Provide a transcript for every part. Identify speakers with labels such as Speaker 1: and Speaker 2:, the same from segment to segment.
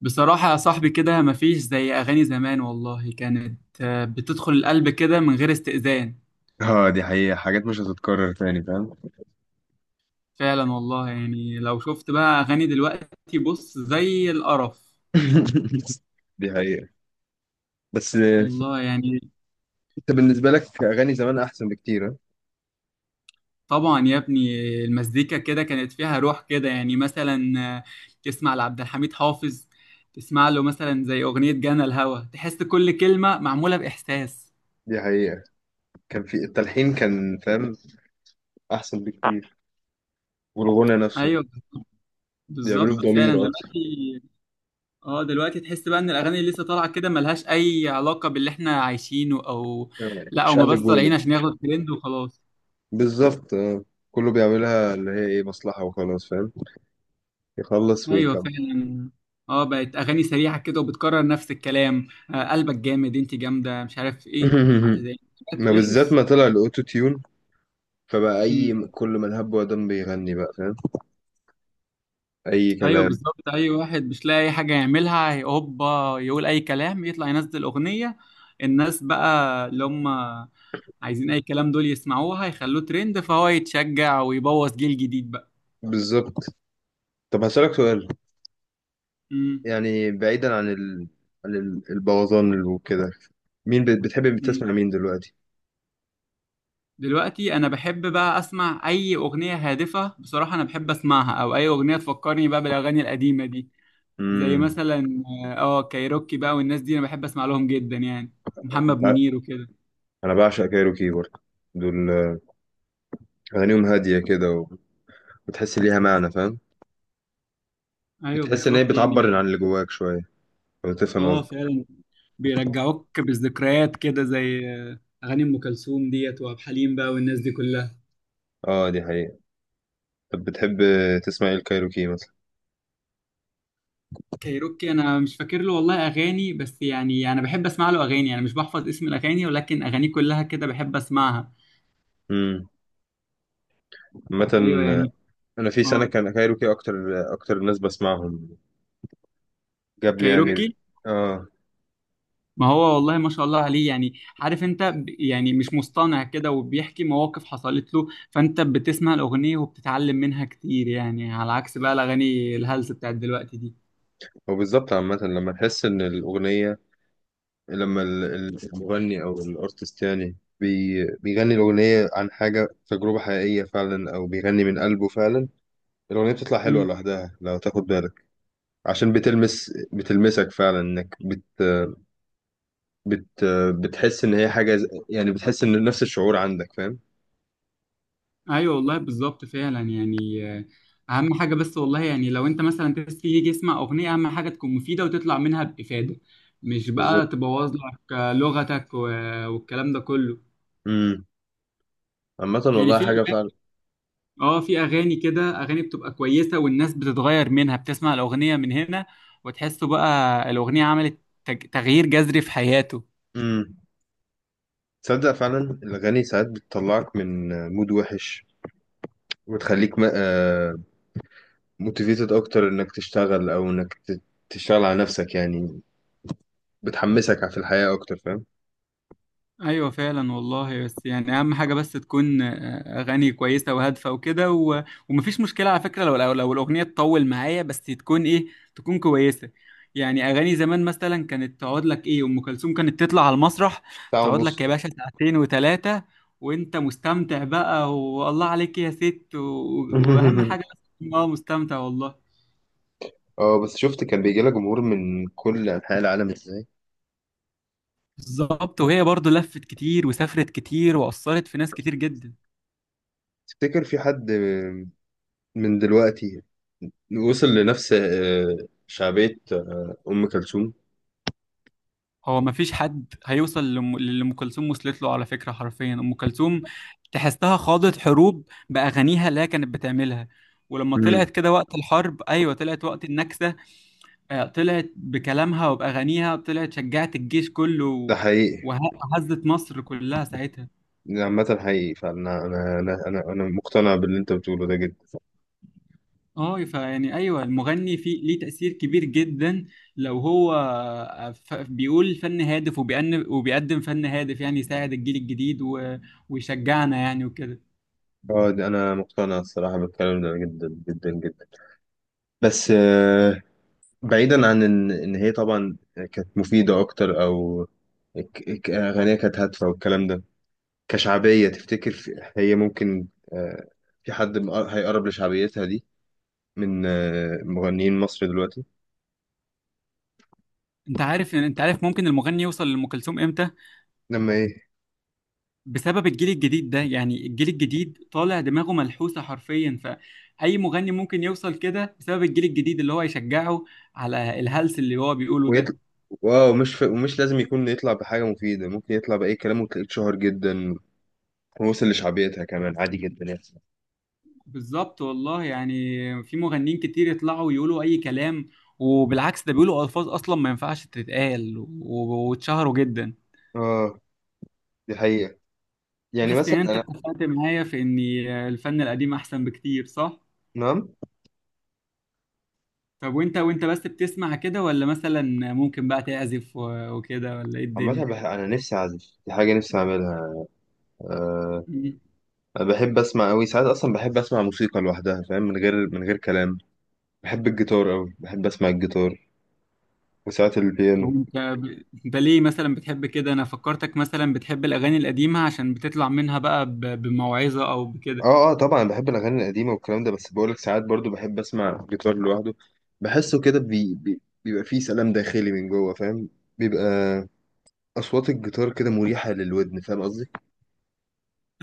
Speaker 1: بصراحة يا صاحبي كده، مفيش زي أغاني زمان. والله كانت بتدخل القلب كده من غير استئذان.
Speaker 2: اه، دي حقيقة. حاجات مش هتتكرر تاني، فاهم؟
Speaker 1: فعلا والله. يعني لو شفت بقى أغاني دلوقتي، بص زي القرف.
Speaker 2: دي حقيقة. بس
Speaker 1: والله يعني.
Speaker 2: انت بالنسبة لك اغاني زمان احسن بكتير، ها؟
Speaker 1: طبعا يا ابني، المزيكا كده كانت فيها روح كده. يعني مثلا آه، تسمع لعبد الحميد حافظ، تسمع له مثلا زي أغنية جانا الهوى، تحس كل كلمة معمولة بإحساس.
Speaker 2: دي حقيقة. كان في التلحين، كان فاهم. احسن بكتير. والغنى نفسه
Speaker 1: أيوه
Speaker 2: بيعملوه
Speaker 1: بالظبط فعلا.
Speaker 2: بضمير اكتر.
Speaker 1: دلوقتي تحس بقى ان الاغاني اللي لسه طالعه كده ملهاش اي علاقه باللي احنا عايشينه، او
Speaker 2: يعني
Speaker 1: لا، او ما بس
Speaker 2: شقلب
Speaker 1: طالعين
Speaker 2: وقلب.
Speaker 1: عشان ياخدوا ترند وخلاص.
Speaker 2: بالظبط، اه. كله بيعملها اللي هي ايه، مصلحة وخلاص، فاهم. يخلص
Speaker 1: ايوه
Speaker 2: ويكمل.
Speaker 1: فعلا. اه بقت اغاني سريعه كده وبتكرر نفس الكلام. قلبك جامد، انت جامده، مش عارف ايه زي. بقت
Speaker 2: ما بالذات
Speaker 1: وحش.
Speaker 2: ما طلع الاوتو تيون، فبقى
Speaker 1: امم.
Speaker 2: اي كل من هب ودم بيغني بقى، فاهم. اي
Speaker 1: ايوه
Speaker 2: كلام.
Speaker 1: بالظبط، اي واحد مش لاقي اي حاجه يعملها هوبا يقول اي كلام، يطلع ينزل اغنيه. الناس بقى اللي هم عايزين اي كلام دول يسمعوها يخلوه ترند، فهو يتشجع ويبوظ جيل جديد بقى.
Speaker 2: بالظبط. طب هسألك سؤال.
Speaker 1: امم.
Speaker 2: يعني بعيدا عن عن البوظان وكده. مين بتحب
Speaker 1: مم.
Speaker 2: بتسمع مين دلوقتي؟
Speaker 1: دلوقتي انا بحب بقى اسمع اي اغنيه هادفه. بصراحه انا بحب اسمعها، او اي اغنيه تفكرني بقى بالاغاني القديمه دي. زي
Speaker 2: امم.
Speaker 1: مثلا كايروكي بقى والناس دي، انا بحب اسمع لهم جدا يعني. محمد
Speaker 2: انت ع-
Speaker 1: منير وكده.
Speaker 2: انا بعشق كايروكي برضه. دول اغانيهم هاديه كده وتحس ليها معنى، فاهم.
Speaker 1: ايوه
Speaker 2: بتحس ان هي
Speaker 1: بالظبط يعني
Speaker 2: بتعبر عن اللي جواك شويه، لو تفهم
Speaker 1: اه
Speaker 2: قصدي.
Speaker 1: فعلا. بيرجعوك بالذكريات كده، زي اغاني ام كلثوم ديت وعبد الحليم بقى، والناس دي كلها.
Speaker 2: اه، دي حقيقه. طب بتحب تسمع ايه الكايروكي مثلا؟
Speaker 1: كايروكي. انا مش فاكر له والله اغاني، بس يعني انا بحب اسمع له اغاني. انا مش بحفظ اسم الاغاني، ولكن اغانيه كلها كده بحب اسمعها.
Speaker 2: امم. عامه
Speaker 1: ايوه
Speaker 2: آه،
Speaker 1: يعني.
Speaker 2: انا في سنه
Speaker 1: اه.
Speaker 2: كان كايروكي اكتر. اكتر ناس بسمعهم. جاب لي يعني.
Speaker 1: كايروكي.
Speaker 2: اه.
Speaker 1: ما هو والله ما شاء الله عليه يعني. عارف انت يعني مش مصطنع كده، وبيحكي مواقف حصلت له، فانت بتسمع الاغنيه وبتتعلم منها كتير. يعني على عكس بقى الاغاني الهلس بتاعت دلوقتي دي.
Speaker 2: وبالظبط، عامه لما تحس ان الاغنيه، لما المغني او الارتست يعني بيغني الاغنيه عن حاجه، تجربه حقيقيه فعلا او بيغني من قلبه فعلا، الاغنيه بتطلع حلوه
Speaker 1: امم.
Speaker 2: لوحدها لو تاخد بالك. عشان بتلمسك فعلا، انك بت بت بتحس ان هي حاجه يعني بتحس ان نفس الشعور عندك، فاهم.
Speaker 1: ايوه والله بالظبط فعلا. يعني اهم حاجه بس، والله يعني لو انت مثلا تيجي يجي يسمع اغنيه، اهم حاجه تكون مفيده وتطلع منها بافاده. مش بقى
Speaker 2: بالظبط.
Speaker 1: تبوظ لك لغتك والكلام ده كله.
Speaker 2: امم. عامه
Speaker 1: يعني
Speaker 2: والله،
Speaker 1: في
Speaker 2: حاجه فعلا.
Speaker 1: اه في اغاني كده، اغاني بتبقى كويسه والناس بتتغير منها. بتسمع الاغنيه من هنا، وتحسه بقى، الاغنيه عملت تغيير جذري في حياته.
Speaker 2: امم. تصدق فعلا الاغاني ساعات بتطلعك من مود وحش، وتخليك موتيفيتد اكتر انك تشتغل او انك تشتغل على نفسك يعني. بتحمسك في الحياة أكتر، فاهم.
Speaker 1: ايوه فعلا والله. بس يعني اهم حاجه بس تكون اغاني كويسه وهادفه وكده ومفيش مشكله على فكره، لو الاغنيه تطول معايا، بس تكون ايه، تكون كويسه. يعني اغاني زمان مثلا كانت تقعد لك ايه، ام كلثوم كانت تطلع على المسرح
Speaker 2: ساعة
Speaker 1: تقعد
Speaker 2: ونص.
Speaker 1: لك يا باشا ساعتين وثلاثه، وانت مستمتع بقى. والله عليك يا ست واهم حاجه بس تكون مستمتع والله.
Speaker 2: اه، بس شفت كان بيجي لك جمهور من كل أنحاء العالم ازاي.
Speaker 1: بالظبط. وهي برضو لفت كتير وسافرت كتير واثرت في ناس كتير جدا.
Speaker 2: تفتكر في حد من دلوقتي وصل لنفس شعبية أم كلثوم؟
Speaker 1: هو ما فيش حد هيوصل للي ام كلثوم وصلت له على فكره. حرفيا ام كلثوم تحسها خاضت حروب باغانيها اللي هي كانت بتعملها. ولما
Speaker 2: مم.
Speaker 1: طلعت كده وقت الحرب، ايوه طلعت وقت النكسه، طلعت بكلامها وباغانيها، طلعت شجعت الجيش كله
Speaker 2: ده حقيقي.
Speaker 1: وه- وهزت مصر كلها ساعتها.
Speaker 2: ده عامة حقيقي، فأنا أنا أنا أنا أنا مقتنع باللي أنت بتقوله ده جدا.
Speaker 1: اه فيعني ايوه، المغني في ليه تاثير كبير جدا. لو هو بيقول فن هادف، وبيقدم فن هادف، يعني يساعد الجيل الجديد ويشجعنا يعني وكده.
Speaker 2: اه، ده أنا مقتنع الصراحة بالكلام ده جدا جدا جدا. بس بعيدا عن ان هي طبعا كانت مفيده اكتر، او اغانيها كانت هادفه والكلام ده، كشعبيه تفتكر هي ممكن آه، في حد هيقرب لشعبيتها دي من مغنيين مصر دلوقتي؟
Speaker 1: انت عارف ممكن المغني يوصل لأم كلثوم امتى؟
Speaker 2: لما ايه؟
Speaker 1: بسبب الجيل الجديد ده. يعني الجيل الجديد طالع دماغه ملحوسة حرفيا، فأي مغني ممكن يوصل كده بسبب الجيل الجديد اللي هو يشجعه على الهلس اللي هو بيقوله
Speaker 2: ويطلع.
Speaker 1: ده.
Speaker 2: واو، مش ومش لازم يكون يطلع بحاجه مفيده، ممكن يطلع باي كلام وتلاقيه اتشهر جدا ووصل لشعبيتها كمان عادي جدا يعني.
Speaker 1: بالظبط والله. يعني في مغنيين كتير يطلعوا يقولوا أي كلام، وبالعكس ده بيقولوا ألفاظ أصلا ما ينفعش تتقال واتشهروا جدا.
Speaker 2: اه، دي حقيقه. يعني
Speaker 1: بس
Speaker 2: مثلا
Speaker 1: يعني انت
Speaker 2: انا.
Speaker 1: اتفقت معايا في ان الفن القديم احسن بكتير، صح؟
Speaker 2: نعم.
Speaker 1: طب وانت بس بتسمع كده، ولا مثلا ممكن بقى تعزف وكده، ولا ايه
Speaker 2: عامة
Speaker 1: الدنيا؟
Speaker 2: أنا نفسي أعزف، دي حاجة نفسي أعملها. آه،
Speaker 1: مم.
Speaker 2: أنا بحب اسمع قوي، ساعات اصلا بحب اسمع موسيقى لوحدها، فاهم، من غير كلام. بحب الجيتار قوي، بحب اسمع الجيتار وساعات
Speaker 1: طب
Speaker 2: البيانو.
Speaker 1: انت ليه مثلا بتحب كده؟ انا فكرتك مثلا بتحب الاغاني القديمة عشان بتطلع منها بقى بموعظة او بكده.
Speaker 2: اه، اه، طبعا بحب الاغاني القديمه والكلام ده، بس بقولك ساعات برضو بحب اسمع الجيتار لوحده. بحسه كده بي بيبقى فيه سلام داخلي من جوه، فاهم. بيبقى اصوات الجيتار كده مريحه للودن، فاهم قصدي.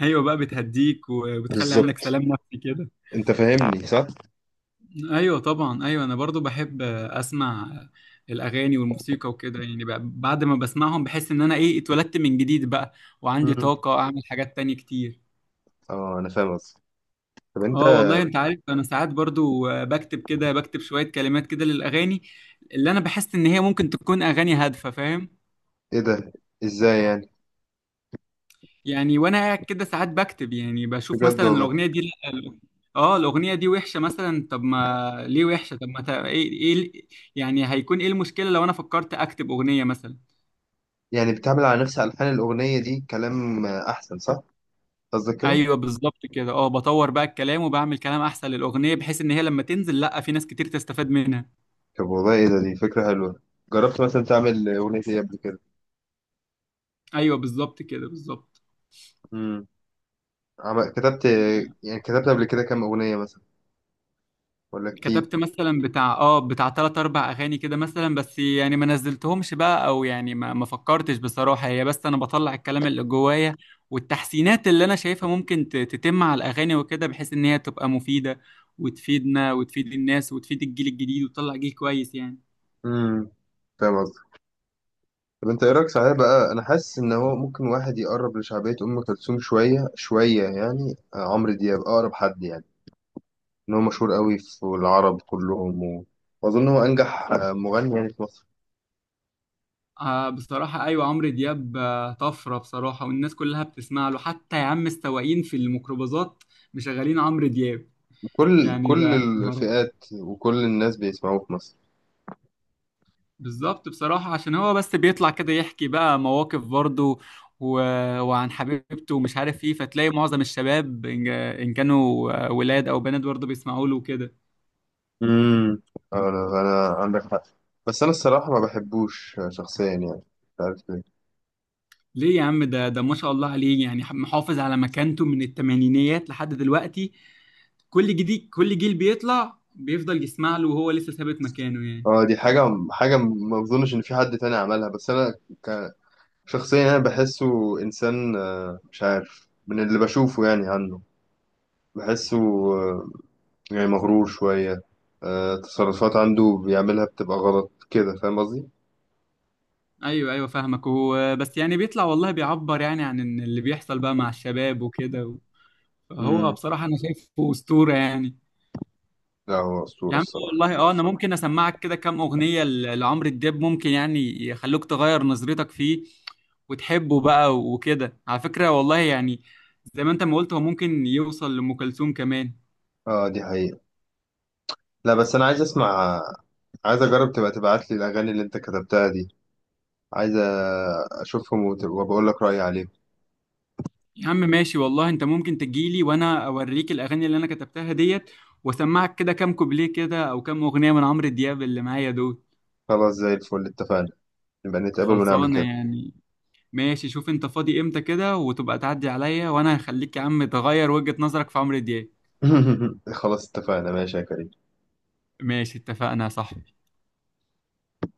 Speaker 1: ايوه بقى، بتهديك وبتخلي عنك
Speaker 2: بالظبط.
Speaker 1: سلام نفسي كده.
Speaker 2: انت فاهمني صح؟
Speaker 1: ايوه طبعا ايوه، انا برضو بحب اسمع الاغاني والموسيقى وكده. يعني بعد ما بسمعهم بحس ان انا ايه اتولدت من جديد بقى، وعندي
Speaker 2: امم.
Speaker 1: طاقة اعمل حاجات تانية كتير.
Speaker 2: اه، انا فاهم قصدي. طب انت.
Speaker 1: اه والله. انت عارف انا ساعات برضو بكتب كده، بكتب شوية كلمات كده للاغاني اللي انا بحس ان هي ممكن تكون اغاني هادفة، فاهم؟
Speaker 2: ايه ده؟ ازاي يعني؟
Speaker 1: يعني وانا قاعد كده ساعات بكتب، يعني بشوف
Speaker 2: بجد
Speaker 1: مثلا
Speaker 2: والله؟
Speaker 1: الاغنية دي لا، اه الاغنية دي وحشة مثلا. طب ما ليه وحشة؟ طب ما ايه ايه، يعني هيكون ايه المشكلة لو انا فكرت اكتب اغنية مثلا؟
Speaker 2: يعني بتعمل على نفس الحان الاغنيه دي كلام احسن، صح؟ قصدك كده؟
Speaker 1: ايوه بالظبط كده. اه بطور بقى الكلام وبعمل كلام احسن للاغنية، بحيث ان هي لما تنزل، لا في ناس كتير تستفاد منها.
Speaker 2: طب والله ايه ده، دي فكرة حلوة. جربت مثلا تعمل أغنية ايه قبل كده؟
Speaker 1: ايوه بالظبط كده بالظبط.
Speaker 2: امم. كتبت. يعني كتبت قبل كده كام أغنية مثلا ولا كتير؟
Speaker 1: كتبت مثلا بتاع بتاع تلات اربع اغاني كده مثلا. بس يعني ما نزلتهمش بقى، او يعني ما فكرتش بصراحة. هي بس انا بطلع الكلام اللي جوايا، والتحسينات اللي انا شايفها ممكن تتم على الاغاني وكده، بحيث ان هي تبقى مفيدة وتفيدنا وتفيد الناس وتفيد الجيل الجديد وتطلع جيل كويس يعني.
Speaker 2: امم. فاهم قصدك. طب انت ايه رأيك؟ صحيح بقى، أنا حاسس إن هو ممكن واحد يقرب لشعبية أم كلثوم شوية شوية، يعني عمرو دياب أقرب حد يعني. إن هو مشهور قوي في العرب كلهم وأظن هو أنجح مغني يعني في مصر.
Speaker 1: بصراحة أيوة، عمرو دياب طفرة بصراحة، والناس كلها بتسمع له حتى يا عم السواقين في الميكروباصات مشغلين عمرو دياب.
Speaker 2: كل
Speaker 1: يعني
Speaker 2: كل
Speaker 1: ده
Speaker 2: الفئات وكل الناس بيسمعوه في مصر.
Speaker 1: بالظبط بصراحة، عشان هو بس بيطلع كده يحكي بقى مواقف برضه و... وعن حبيبته ومش عارف ايه، فتلاقي معظم الشباب إن كانوا ولاد أو بنات برضه بيسمعوا له كده.
Speaker 2: امم. انا عندك حق. بس انا الصراحه ما بحبوش شخصيا، يعني مش عارف ليه.
Speaker 1: ليه يا عم؟ ده ما شاء الله عليه، يعني محافظ على مكانته من التمانينيات لحد دلوقتي. كل جديد كل جيل بيطلع بيفضل يسمع له، وهو لسه ثابت مكانه يعني.
Speaker 2: اه، دي حاجه ما اظنش ان في حد تاني عملها. بس انا ك- شخصيا انا بحسه انسان مش عارف من اللي بشوفه يعني عنه. بحسه آه، يعني مغرور شويه، تصرفات عنده بيعملها بتبقى غلط كده، فاهم قصدي.
Speaker 1: ايوه ايوه فاهمك، هو بس يعني بيطلع والله بيعبر يعني عن إن اللي بيحصل بقى مع الشباب وكده. هو
Speaker 2: امم.
Speaker 1: بصراحة أنا شايفه أسطورة يعني.
Speaker 2: لا، هو
Speaker 1: يا
Speaker 2: اسطوره
Speaker 1: عم
Speaker 2: الصراحه.
Speaker 1: والله. اه انا ممكن اسمعك كده كام اغنيه لعمرو دياب، ممكن يعني يخلوك تغير نظرتك فيه وتحبه بقى وكده على فكره. والله يعني زي ما انت ما قلت، هو ممكن يوصل لام كلثوم كمان.
Speaker 2: اه، دي حقيقه. لا بس انا عايز اسمع. عايز اجرب تبقى تبعت لي الاغاني اللي انت كتبتها دي. عايز اشوفهم وبقول لك رايي عليهم.
Speaker 1: يا عم ماشي والله، انت ممكن تجيلي وانا اوريك الاغاني اللي انا كتبتها ديت، واسمعك كده كام كوبليه كده او كام اغنيه من عمرو دياب اللي معايا دول.
Speaker 2: خلاص، زي الفل، اتفقنا. نبقى نتقابل ونعمل
Speaker 1: خلصانه
Speaker 2: كده.
Speaker 1: يعني. ماشي، شوف انت فاضي امتى كده وتبقى تعدي عليا، وانا هخليك يا عم تغير وجهه نظرك في عمرو دياب.
Speaker 2: خلاص اتفقنا، ماشي يا كريم.
Speaker 1: ماشي اتفقنا يا صاحبي.